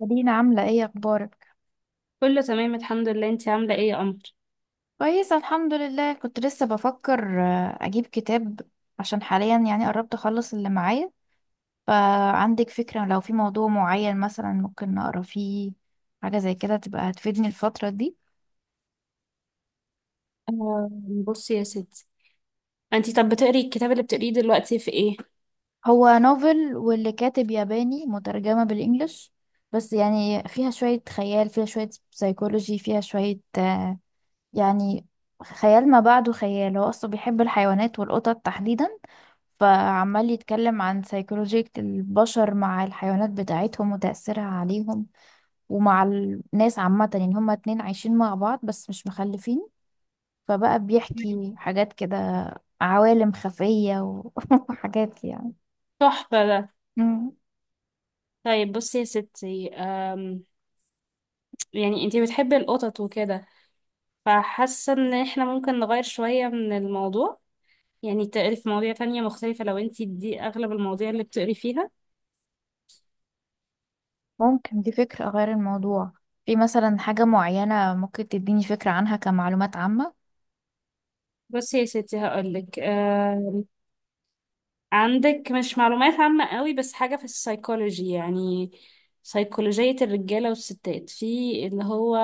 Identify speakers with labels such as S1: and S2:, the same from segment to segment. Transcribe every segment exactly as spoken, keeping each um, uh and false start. S1: مدينة، عاملة ايه؟ اخبارك؟
S2: كله تمام، الحمد لله. انتي عاملة ايه يا قمر؟
S1: كويسة الحمد لله. كنت لسه بفكر آه، اجيب كتاب، عشان حاليا يعني قربت اخلص اللي معايا. فعندك فكرة؟ لو في موضوع معين مثلا ممكن نقرا فيه حاجة زي كده تبقى هتفيدني الفترة دي.
S2: آه، بصي يا ستي، انتي طب بتقري الكتاب اللي بتقريه دلوقتي في ايه؟
S1: هو نوفل، واللي كاتب ياباني مترجمة بالانجلش، بس يعني فيها شوية خيال، فيها شوية سيكولوجي، فيها شوية آه، يعني خيال ما بعده خيال. هو أصلا بيحب الحيوانات والقطط تحديدا، فعمال يتكلم عن سيكولوجية البشر مع الحيوانات بتاعتهم وتأثيرها عليهم ومع الناس عامة. يعني هما اتنين عايشين مع بعض بس مش مخلفين، فبقى بيحكي حاجات كده، عوالم خفية و- وحاجات يعني.
S2: تحفة ده.
S1: مم.
S2: طيب بصي يا ستي، آم يعني انتي بتحبي القطط وكده، فحاسة ان احنا ممكن نغير شوية من الموضوع، يعني تقري في مواضيع تانية مختلفة لو انتي دي اغلب المواضيع اللي بتقري فيها.
S1: ممكن، دي فكرة. أغير الموضوع. في مثلا حاجة معينة ممكن تديني فكرة عنها كمعلومات عامة؟
S2: بصي يا ستي هقولك، آم عندك مش معلومات عامة قوي بس حاجة في السيكولوجي، يعني سيكولوجية الرجالة والستات في اللي هو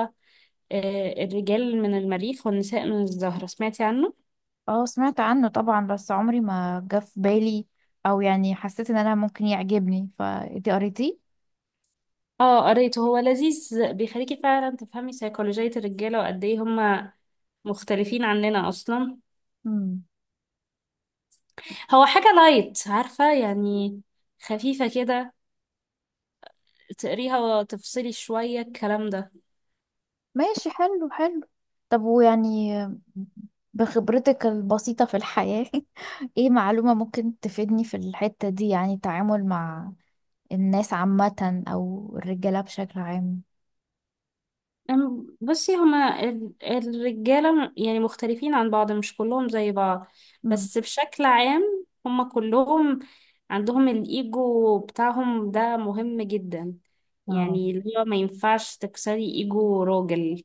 S2: آه، الرجال من المريخ والنساء من الزهرة، سمعتي عنه؟
S1: اه سمعت عنه طبعا، بس عمري ما جه في بالي او يعني حسيت ان انا ممكن يعجبني. فانتي قريتيه؟
S2: اه قريته، هو لذيذ، بيخليكي فعلا تفهمي سيكولوجية الرجالة وقد ايه هما مختلفين عننا اصلا.
S1: امم.
S2: هو حاجة لايت عارفة يعني، خفيفة كده، تقريها وتفصلي شوية الكلام ده.
S1: ماشي، حلو حلو. طب، ويعني بخبرتك البسيطة في الحياة ايه معلومة ممكن تفيدني في الحتة دي؟ يعني التعامل مع الناس عامة او الرجالة بشكل عام.
S2: أم- بصي هما ال- الرجالة م- يعني مختلفين عن بعض، مش كلهم زي بعض.
S1: امم.
S2: بس بشكل عام هما كلهم عندهم الإيجو بتاعهم ده، مهم جدا،
S1: اه.
S2: يعني اللي هو ما ينفعش تكسري إيجو راجل.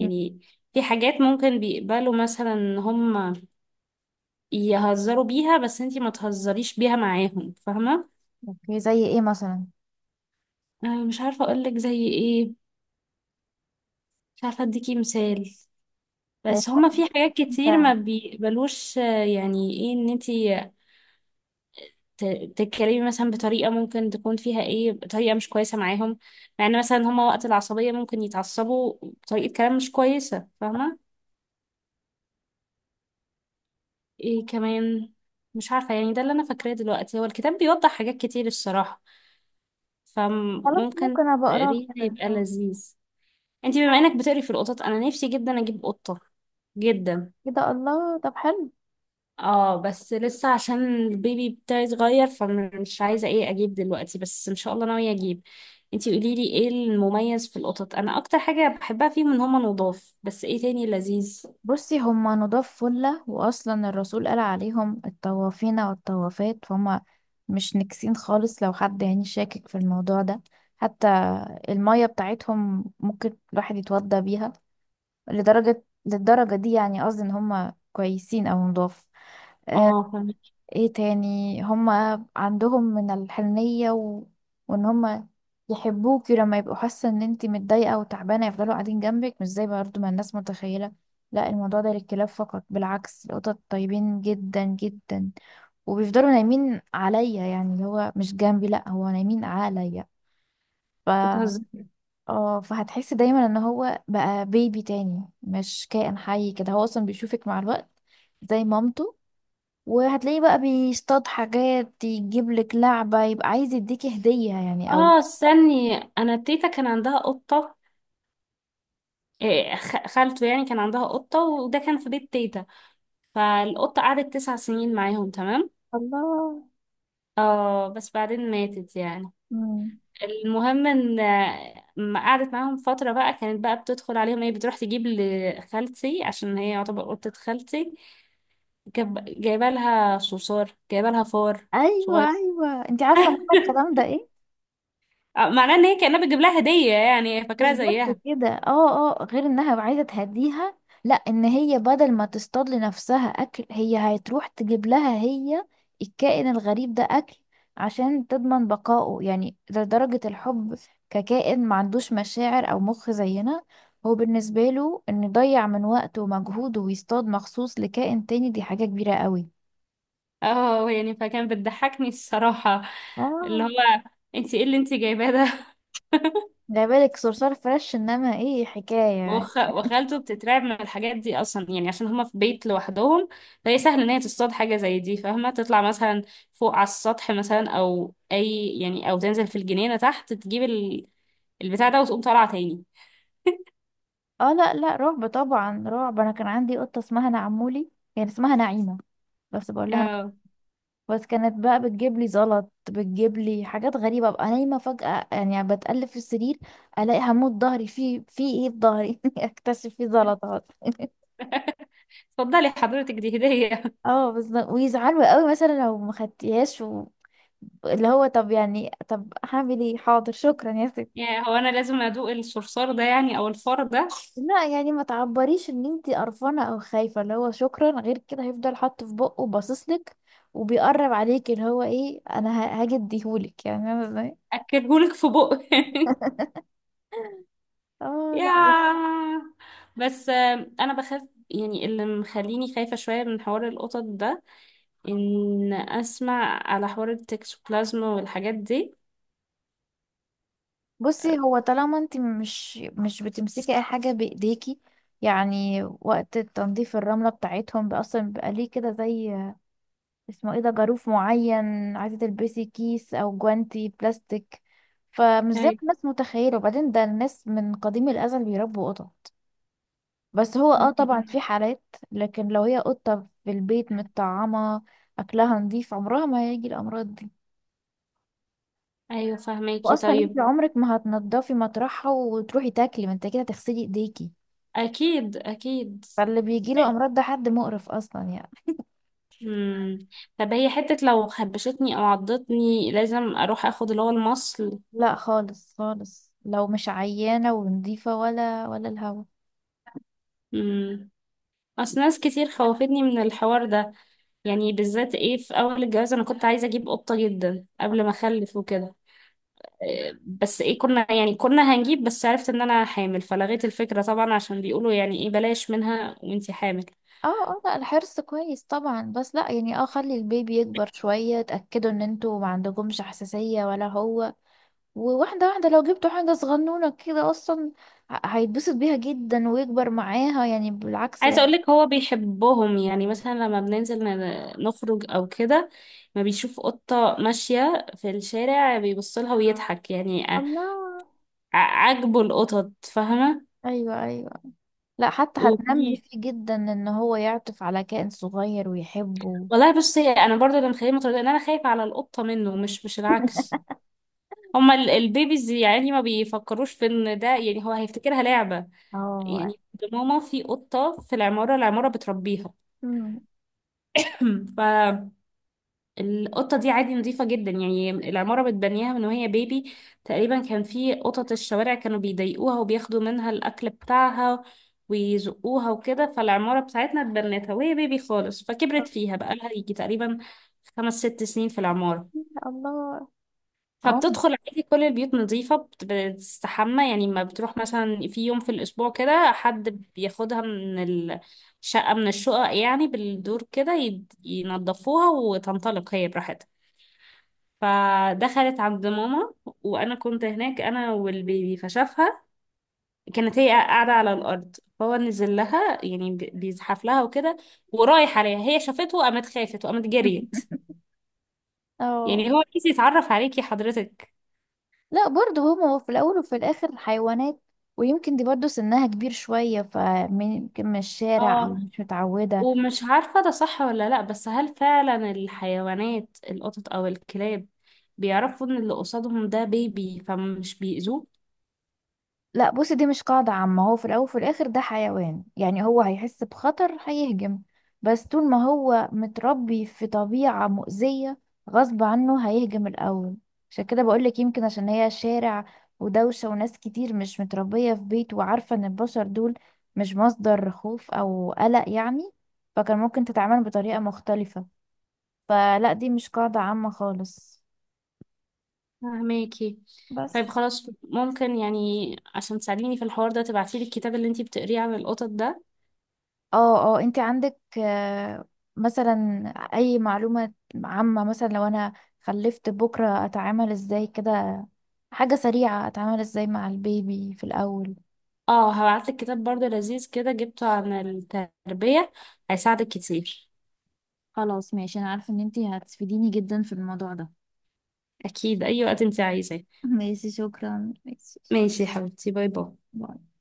S1: مم.
S2: في حاجات ممكن بيقبلوا مثلا إن هما يهزروا بيها بس انتي ما تهزريش بيها معاهم، فاهمة؟
S1: اوكي، زي ايه مثلا؟
S2: أنا مش عارفة أقولك زي إيه، مش عارفة أديكي مثال.
S1: يعني
S2: بس هما في حاجات كتير
S1: انت
S2: ما بيقبلوش، آه، يعني ايه ان انتي ت- تتكلمي مثلا بطريقة ممكن تكون فيها ايه طريقة مش كويسة معاهم، مع ان مثلا هما وقت العصبية ممكن يتعصبوا بطريقة كلام مش كويسة، فاهمة؟ ايه كمان، مش عارفة يعني. ده اللي انا فاكراه دلوقتي، هو الكتاب بيوضح حاجات كتير الصراحة،
S1: خلاص
S2: فممكن
S1: ممكن ابقى اقراه
S2: تقريه
S1: كده،
S2: يبقى
S1: اه.
S2: لذيذ. انتي بما انك بتقري في القطط، انا نفسي جدا اجيب قطة، جدا.
S1: كده! الله، طب حلو.
S2: اه بس لسه عشان البيبي بتاعي صغير فمش عايزة ايه اجيب دلوقتي، بس ان شاء الله ناوية اجيب. انتي قوليلي ايه المميز في القطط، انا اكتر حاجة بحبها فيهم ان هما نضاف، بس ايه تاني لذيذ؟
S1: بصي، هما نضاف فلة، وأصلا الرسول قال عليهم الطوافين والطوافات، فهم مش نكسين خالص. لو حد يعني شاكك في الموضوع ده، حتى المية بتاعتهم ممكن الواحد يتوضى بيها، لدرجة للدرجة دي. يعني قصدي إن هما كويسين أو نضاف.
S2: اه فاهمة.
S1: ايه تاني؟ هما عندهم من الحنية و... وان هما يحبوكي لما يبقوا حاسة ان انتي متضايقة وتعبانة، يفضلوا قاعدين جنبك، مش زي برضه ما الناس متخيلة. لا، الموضوع ده للكلاب فقط. بالعكس، القطط طيبين جدا جدا، وبيفضلوا نايمين عليا. يعني اللي هو مش جنبي، لا، هو نايمين عليا. ف
S2: بتهزر.
S1: اه، فهتحسي دايما ان هو بقى بيبي تاني، مش كائن حي كده. هو اصلا بيشوفك مع الوقت زي مامته، وهتلاقيه بقى بيصطاد حاجات، يجيب لك لعبة يبقى عايز يديكي هدية يعني، او
S2: اه استني، انا تيتا كان عندها قطة. إيه خ- خالته يعني كان عندها قطة، وده كان في بيت تيتا. فالقطة قعدت تسع سنين معاهم، تمام.
S1: الله.
S2: اه بس بعدين ماتت يعني.
S1: مم.
S2: المهم ان آه، ما قعدت معاهم فترة بقى، كانت بقى بتدخل عليهم ايه، بتروح تجيب لخالتي، عشان هي يعتبر قطة خالتي. جاب... جايبه لها صوصار، جايبه لها فار صغير.
S1: ايوه ايوه، انت عارفة معنى الكلام ده إيه؟
S2: آه، معناه ان هي كأنها بتجيب لها هدية، يعني هي
S1: مش
S2: فاكراها
S1: بس
S2: زيها.
S1: كده، اه اه، غير انها عايزه تهديها، لا، ان هي بدل ما تصطاد لنفسها اكل، هي هتروح تجيب لها هي الكائن الغريب ده اكل عشان تضمن بقائه، يعني لدرجه الحب، ككائن ما عندوش مشاعر او مخ زينا. هو بالنسبه له انه يضيع من وقته ومجهوده ويصطاد مخصوص لكائن تاني، دي حاجه كبيره قوي.
S2: اه، يعني فكان بتضحكني الصراحة، اللي
S1: اه.
S2: هو انتي ايه اللي انتي جايباه ده؟
S1: لا بالك صرصار فريش، انما ايه حكايه!
S2: وخ... وخالته بتترعب من الحاجات دي اصلا، يعني عشان هما في بيت لوحدهم، فهي سهل ان هي تصطاد حاجه زي دي، فاهمه، تطلع مثلا فوق على السطح مثلا، او اي يعني، او تنزل في الجنينه تحت تجيب ال... البتاع ده، وتقوم طالعه تاني.
S1: اه لا لا، رعب طبعا رعب. انا كان عندي قطه اسمها نعمولي، يعني اسمها نعيمه بس بقول لها نعم.
S2: اه
S1: بس كانت بقى بتجيب لي زلط، بتجيب لي حاجات غريبه، ابقى نايمه فجاه، يعني بتقلب في السرير الاقي هموت، ظهري في في ايه؟ في ظهري اكتشف في زلطات
S2: اتفضلي حضرتك دي هديه.
S1: اه، بس ويزعلوا قوي مثلا لو ما خدتيهاش و... اللي هو، طب، يعني، طب هعمل ايه؟ حاضر، شكرا يا ستي.
S2: يعني هو انا لازم ادوق الصرصار ده يعني، او الفار ده؟
S1: لا يعني ما تعبريش ان انتي قرفانه او خايفه، اللي هو شكرا. غير كده هيفضل حاطه في بقه باصصلك وبيقرب عليك، اللي هو ايه، انا ه- هاجي اديهولك يعني! انا ازاي؟
S2: اكلهولك في بق.
S1: اه لا.
S2: يا بس آه، انا بخاف، يعني اللي مخليني خايفه شويه من حوار القطط ده، ان اسمع على حوار التكسوبلازما والحاجات دي.
S1: بصي، هو طالما انتي مش مش بتمسكي اي حاجه بايديكي، يعني وقت تنظيف الرمله بتاعتهم بقى اصلا بيبقى ليه كده، زي اسمه ايه ده، جاروف معين، عايزه تلبسي كيس او جوانتي بلاستيك. فمش زي ما
S2: طيب.
S1: الناس متخيله. وبعدين، ده الناس من قديم الازل بيربوا قطط. بس هو، اه، طبعا في حالات، لكن لو هي قطة في البيت متطعمة، أكلها نظيف، عمرها ما هيجي الأمراض دي.
S2: ايوه فهماكي.
S1: وأصلا
S2: طيب.
S1: انت عمرك ما هتنضفي مطرحها وتروحي تاكلي، ما انت كده هتغسلي ايديكي،
S2: اكيد اكيد.
S1: فاللي بيجيله أمراض ده حد مقرف أصلا يعني.
S2: امم. طب هي حتة لو خبشتني او عضتني لازم اروح اخد اللي هو المصل؟
S1: لا خالص خالص، لو مش عيانة ونظيفة ولا ولا الهوا.
S2: امم. اصل ناس كتير خوفتني من الحوار ده، يعني بالذات ايه في اول الجواز انا كنت عايزة اجيب قطة جدا قبل ما اخلف وكده، بس ايه كنا يعني كنا هنجيب، بس عرفت ان انا حامل فلغيت الفكرة طبعا عشان بيقولوا يعني ايه بلاش منها وانتي حامل.
S1: اه اه، لا الحرص كويس طبعا، بس لا يعني، اه خلي البيبي يكبر شوية، تأكدوا ان انتوا ما عندكمش حساسية ولا هو، وواحدة واحدة. لو جبتوا حاجة صغنونة كده أصلا، ه- هيتبسط بيها جدا ويكبر معاها، يعني بالعكس ده.
S2: عايزة اقولك هو بيحبهم، يعني مثلا لما بننزل ن- نخرج او كده، ما بيشوف قطة ماشية في الشارع بيبصلها ويضحك يعني، ع-
S1: الله.
S2: عاجبه القطط، فاهمة؟
S1: أيوة أيوة. لا، حتى هتنمي
S2: وفي،
S1: فيه جدا إن هو يعطف على كائن صغير ويحبه.
S2: والله بصي انا برضه اللي مخليني متردده ان انا خايفة على القطة منه، مش مش العكس. هما ال- البيبيز يعني ما بيفكروش في ان ده، يعني هو هيفتكرها لعبة
S1: اه.
S2: يعني. عند ماما في قطة في العمارة، العمارة بتربيها.
S1: أمم.
S2: فالقطة دي عادي، نظيفة جدا يعني، العمارة بتبنيها من وهي بيبي تقريبا. كان في قطط الشوارع كانوا بيضايقوها وبياخدوا منها الأكل بتاعها ويزقوها وكده، فالعمارة بتاعتنا اتبنتها وهي بيبي خالص، فكبرت فيها، بقى لها يجي تقريبا خمس ست سنين في العمارة.
S1: الله. عم.
S2: فبتدخل عادي كل البيوت، نظيفة، بت- بتستحمى يعني، ما بتروح مثلا في يوم في الأسبوع كده حد بياخدها من الشقة، من الشقق يعني بالدور كده، يد- ينضفوها وتنطلق هي براحتها. فدخلت عند ماما وأنا كنت هناك، أنا والبيبي، فشافها. كانت هي قاعدة على الأرض، فهو نزل لها يعني، بي- بيزحف لها وكده، ورايح عليها، هي شافته وقامت خافت وقامت جريت.
S1: اه
S2: يعني هو عايز يتعرف عليكي حضرتك.
S1: لا، برضو هما في الأول وفي الآخر حيوانات. ويمكن دي برضو سنها كبير شوية، فمن يمكن من الشارع، أو
S2: اه،
S1: مش متعودة.
S2: ومش عارفة ده صح ولا لأ، بس هل فعلا الحيوانات، القطط أو الكلاب، بيعرفوا إن اللي قصادهم ده بيبي فمش بيأذوه؟
S1: لا بصي، دي مش قاعدة عامة. هو في الأول وفي الآخر ده حيوان، يعني هو هيحس بخطر هيهجم، بس طول ما هو متربي في طبيعة مؤذية غصب عنه هيهجم الأول. عشان كده بقولك يمكن عشان هي شارع ودوشة وناس كتير، مش متربية في بيت وعارفة إن البشر دول مش مصدر خوف أو قلق يعني، فكان ممكن تتعامل بطريقة مختلفة. فلا، دي مش قاعدة عامة خالص.
S2: فهماكي.
S1: بس
S2: طيب خلاص، ممكن يعني عشان تساعديني في الحوار ده تبعتيلي الكتاب اللي انتي بتقريه عن القطط ده؟
S1: اه اه، انت عندك آه، مثلا اي معلومة عامة، مثلا لو انا خلفت بكرة، اتعامل ازاي كده؟ حاجة سريعة، اتعامل ازاي مع البيبي في الاول؟
S2: اه هبعتلك كتاب برضه لذيذ كده جبته عن التربية، هيساعدك كتير.
S1: خلاص ماشي، انا عارفه ان انتي هتفيديني جدا في الموضوع ده.
S2: أكيد أي وقت انتي عايزاه.
S1: ماشي شكرا، ماشي شكراً.
S2: ماشي يا حبيبتي، باي باي.
S1: باي.